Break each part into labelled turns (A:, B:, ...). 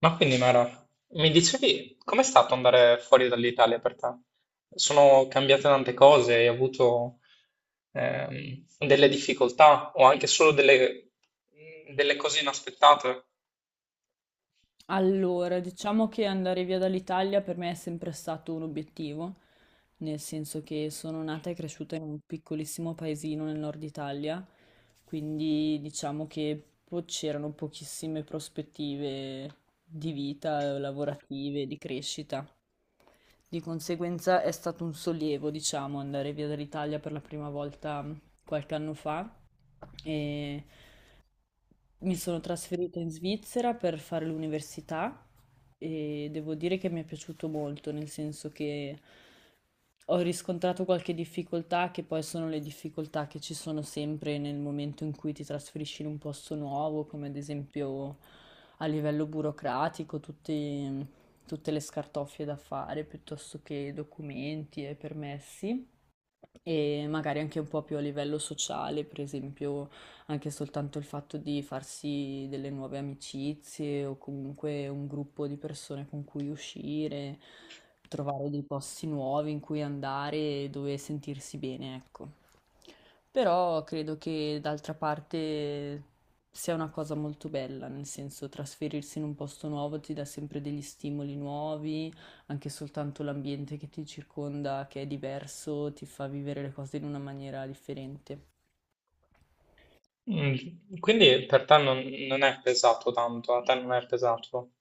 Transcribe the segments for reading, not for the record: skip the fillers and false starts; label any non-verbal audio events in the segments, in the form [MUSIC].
A: Ma quindi Mara, mi dicevi, com'è stato andare fuori dall'Italia per te? Sono cambiate tante cose, hai avuto delle difficoltà o anche solo delle cose inaspettate.
B: Allora, diciamo che andare via dall'Italia per me è sempre stato un obiettivo, nel senso che sono nata e cresciuta in un piccolissimo paesino nel nord Italia, quindi diciamo che c'erano pochissime prospettive di vita, lavorative, di crescita. Di conseguenza è stato un sollievo, diciamo, andare via dall'Italia per la prima volta qualche anno fa. E mi sono trasferita in Svizzera per fare l'università e devo dire che mi è piaciuto molto, nel senso che ho riscontrato qualche difficoltà, che poi sono le difficoltà che ci sono sempre nel momento in cui ti trasferisci in un posto nuovo, come ad esempio a livello burocratico, tutte le scartoffie da fare piuttosto che documenti e permessi e magari anche un po' più a livello sociale, per esempio anche soltanto il fatto di farsi delle nuove amicizie o comunque un gruppo di persone con cui uscire, trovare dei posti nuovi in cui andare e dove sentirsi bene, ecco. Però credo che d'altra parte sia una cosa molto bella, nel senso trasferirsi in un posto nuovo ti dà sempre degli stimoli nuovi, anche soltanto l'ambiente che ti circonda, che è diverso, ti fa vivere le cose in una maniera differente.
A: Mm. Quindi per te non è pesato tanto, a te non è pesato.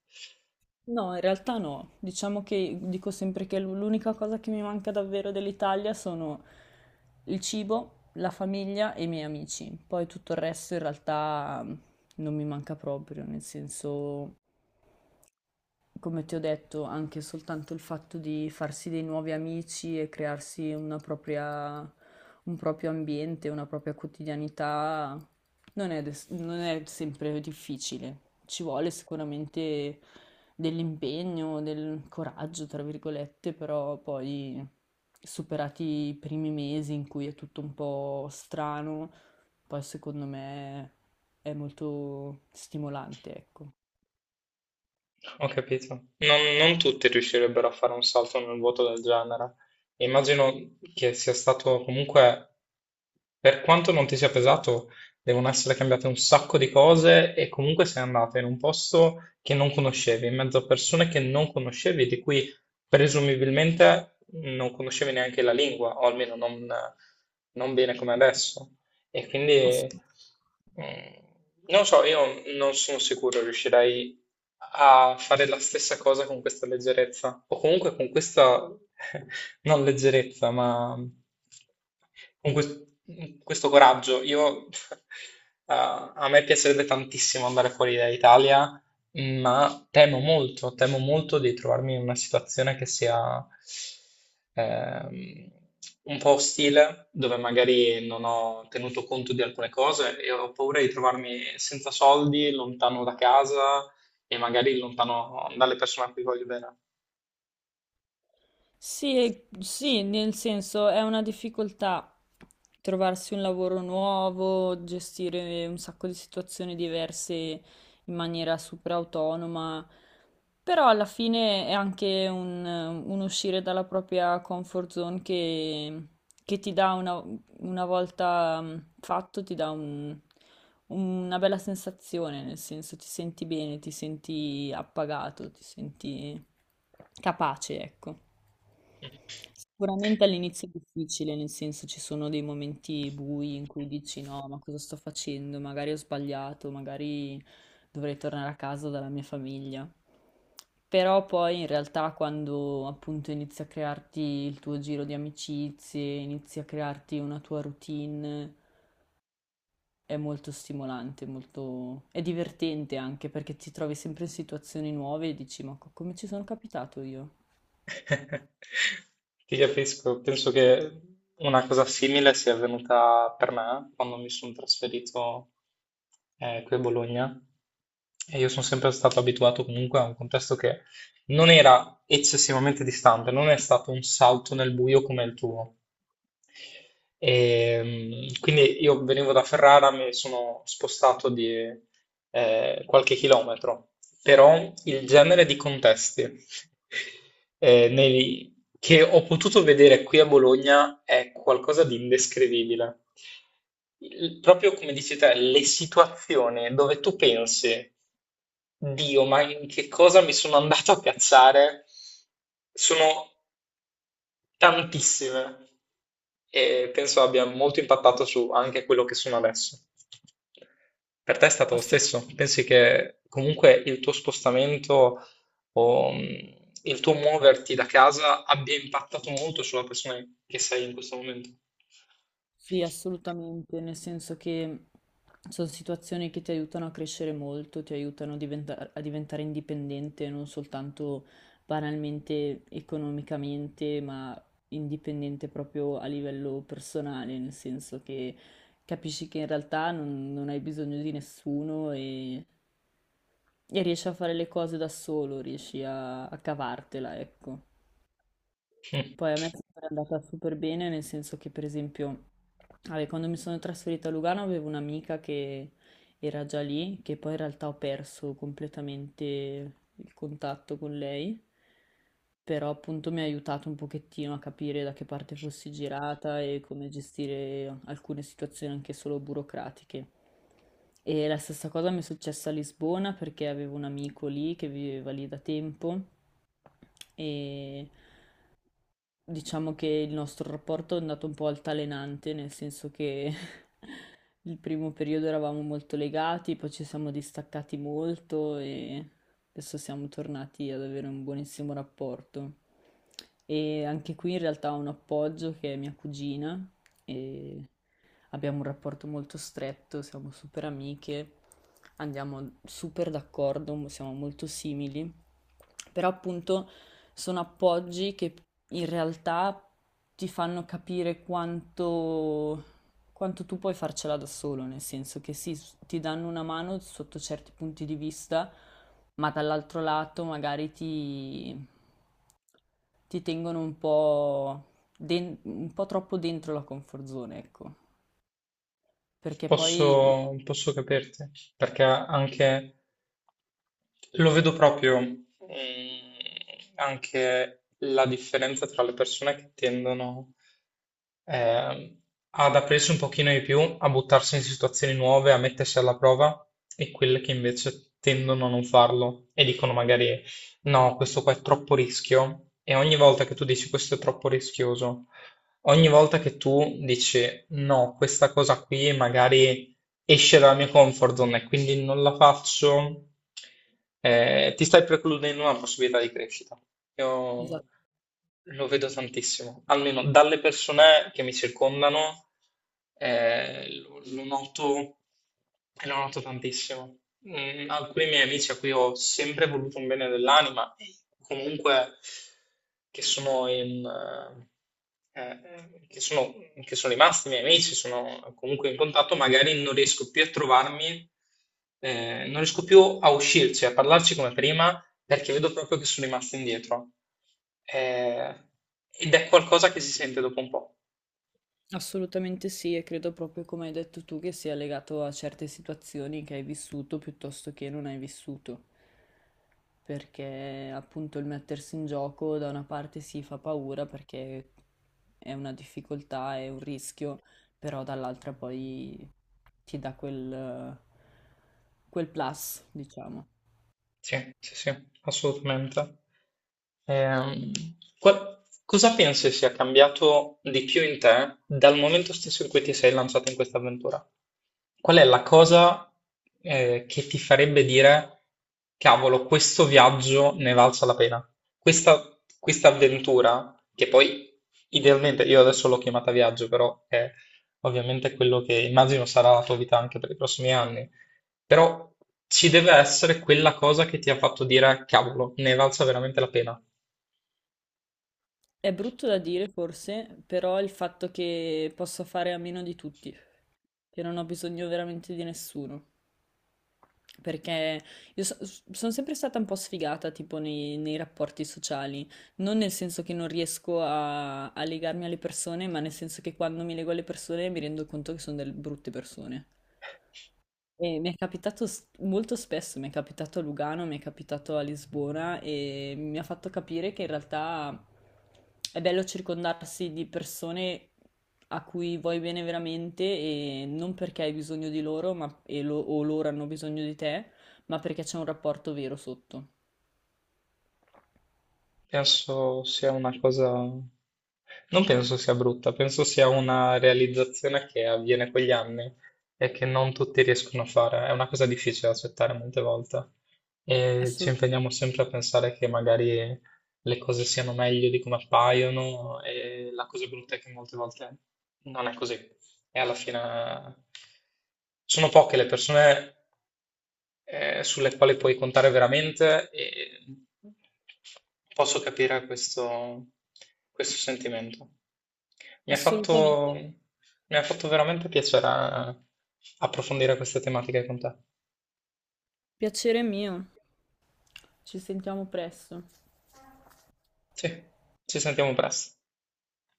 B: No, in realtà no. Diciamo che dico sempre che l'unica cosa che mi manca davvero dell'Italia sono il cibo, la famiglia e i miei amici. Poi tutto il resto in realtà non mi manca proprio, nel senso come ti ho detto, anche soltanto il fatto di farsi dei nuovi amici e crearsi una propria, un proprio ambiente, una propria quotidianità, non è sempre difficile. Ci vuole sicuramente dell'impegno, del coraggio, tra virgolette, però poi superati i primi mesi in cui è tutto un po' strano, poi secondo me è molto stimolante, ecco.
A: Ho capito. Non tutti riuscirebbero a fare un salto nel vuoto del genere. Immagino che sia stato comunque, per quanto non ti sia pesato, devono essere cambiate un sacco di cose e comunque sei andato in un posto che non conoscevi, in mezzo a persone che non conoscevi, di cui presumibilmente non conoscevi neanche la lingua, o almeno non bene come adesso. E quindi mm, non so, io non sono sicuro riuscirei a fare la stessa cosa con questa leggerezza, o comunque con questa, [LAUGHS] non leggerezza, ma con quest- questo coraggio. [LAUGHS] A me piacerebbe tantissimo andare fuori dall'Italia ma temo molto di trovarmi in una situazione che sia ehm, un po' ostile, dove magari non ho tenuto conto di alcune cose e ho paura di trovarmi senza soldi, lontano da casa e magari lontano dalle persone a cui voglio bene.
B: Sì, sì, nel senso è una difficoltà trovarsi un lavoro nuovo, gestire un sacco di situazioni diverse in maniera super autonoma, però alla fine è anche un uscire dalla propria comfort zone che ti dà una volta fatto, ti dà una bella sensazione, nel senso ti senti bene, ti senti appagato, ti senti capace, ecco. Sicuramente all'inizio è difficile, nel senso ci sono dei momenti bui in cui dici no, ma cosa sto facendo? Magari ho sbagliato, magari dovrei tornare a casa dalla mia famiglia. Però poi in realtà quando appunto inizi a crearti il tuo giro di amicizie, inizi a crearti una tua routine, è molto stimolante, molto... è divertente anche perché ti trovi sempre in situazioni nuove e dici ma come ci sono capitato io?
A: [LAUGHS] Ti capisco, penso che una cosa simile sia avvenuta per me quando mi sono trasferito qui a Bologna e io sono sempre stato abituato comunque a un contesto che non era eccessivamente distante, non è stato un salto nel buio come il tuo, e, quindi io venivo da Ferrara, mi sono spostato di qualche chilometro, però il genere di contesti che ho potuto vedere qui a Bologna è qualcosa di indescrivibile. Proprio come dici te, le situazioni dove tu pensi, Dio, ma in che cosa mi sono andato a piazzare? Sono tantissime e penso abbia molto impattato su anche quello che sono adesso. Per te è stato lo stesso? Pensi che comunque il tuo spostamento o il tuo muoverti da casa abbia impattato molto sulla persona che sei in questo momento?
B: Sì, assolutamente, nel senso che sono situazioni che ti aiutano a crescere molto, ti aiutano a diventare indipendente, non soltanto banalmente economicamente, ma indipendente proprio a livello personale, nel senso che capisci che in realtà non hai bisogno di nessuno e, e riesci a fare le cose da solo, riesci a cavartela, ecco.
A: Mm.
B: Poi a me è sempre andata super bene, nel senso che, per esempio, vabbè, quando mi sono trasferita a Lugano avevo un'amica che era già lì, che poi in realtà ho perso completamente il contatto con lei, però appunto mi ha aiutato un pochettino a capire da che parte fossi girata e come gestire alcune situazioni anche solo burocratiche. E la stessa cosa mi è successa a Lisbona perché avevo un amico lì che viveva lì da tempo e diciamo che il nostro rapporto è andato un po' altalenante, nel senso che [LAUGHS] il primo periodo eravamo molto legati, poi ci siamo distaccati molto e adesso siamo tornati ad avere un buonissimo rapporto. E anche qui in realtà ho un appoggio che è mia cugina e abbiamo un rapporto molto stretto, siamo super amiche, andiamo super d'accordo, siamo molto simili, però appunto sono appoggi che in realtà ti fanno capire quanto, quanto tu puoi farcela da solo, nel senso che sì, ti danno una mano sotto certi punti di vista, ma dall'altro lato magari ti tengono un po', un po' troppo dentro la comfort zone, ecco, perché poi...
A: Posso capirti, perché anche lo vedo proprio, anche la differenza tra le persone che tendono ehm, ad aprirsi un pochino di più, a buttarsi in situazioni nuove, a mettersi alla prova, e quelle che invece tendono a non farlo e dicono magari no, questo qua è troppo rischio. E ogni volta che tu dici questo è troppo rischioso, ogni volta che tu dici no, questa cosa qui magari esce dalla mia comfort zone e quindi non la faccio, ti stai precludendo una possibilità di crescita. Io
B: Esatto.
A: lo vedo tantissimo, almeno dalle persone che mi circondano, lo noto, e lo noto tantissimo. Alcuni miei amici a cui ho sempre voluto un bene dell'anima, e comunque che sono in, eh, eh, che sono, che sono rimasti miei amici, sono comunque in contatto, magari non riesco più a trovarmi, non riesco più a uscirci, a parlarci come prima perché vedo proprio che sono rimasto indietro. Eh, Ed è qualcosa che si sente dopo un po'.
B: Assolutamente sì, e credo proprio come hai detto tu che sia legato a certe situazioni che hai vissuto piuttosto che non hai vissuto, perché appunto il mettersi in gioco da una parte si fa paura perché è una difficoltà, è un rischio, però dall'altra poi ti dà quel, quel plus, diciamo.
A: Sì, sì, sì, assolutamente. Ehm, Cosa pensi sia cambiato di più in te dal momento stesso in cui ti sei lanciato in questa avventura? Qual è la cosa, che ti farebbe dire, cavolo, questo viaggio ne valsa la pena? Questa avventura, che poi idealmente io adesso l'ho chiamata viaggio, però è ovviamente quello che immagino sarà la tua vita anche per i prossimi anni. Però ci deve essere quella cosa che ti ha fatto dire: cavolo, ne è valsa veramente la pena.
B: È brutto da dire forse, però il fatto che posso fare a meno di tutti, che non ho bisogno veramente di nessuno. Perché io sono sempre stata un po' sfigata, tipo nei rapporti sociali, non nel senso che non riesco a legarmi alle persone, ma nel senso che quando mi lego alle persone mi rendo conto che sono delle brutte persone. E mi è capitato molto spesso, mi è capitato a Lugano, mi è capitato a Lisbona e mi ha fatto capire che in realtà è bello circondarsi di persone a cui vuoi bene veramente e non perché hai bisogno di loro o loro hanno bisogno di te, ma perché c'è un rapporto vero sotto.
A: Penso sia una cosa... Non penso sia brutta, penso sia una realizzazione che avviene quegli anni e che non tutti riescono a fare. È una cosa difficile da accettare molte volte e ci
B: Assolu-
A: impegniamo sempre a pensare che magari le cose siano meglio di come appaiono e la cosa brutta è che molte volte non è così. E alla fine sono poche le persone sulle quali puoi contare veramente e posso capire questo, questo sentimento. Mi ha
B: Assolutamente.
A: fatto, Mi ha fatto veramente piacere approfondire queste tematiche con te.
B: Piacere mio. Ci sentiamo presto.
A: Sì, ci sentiamo presto.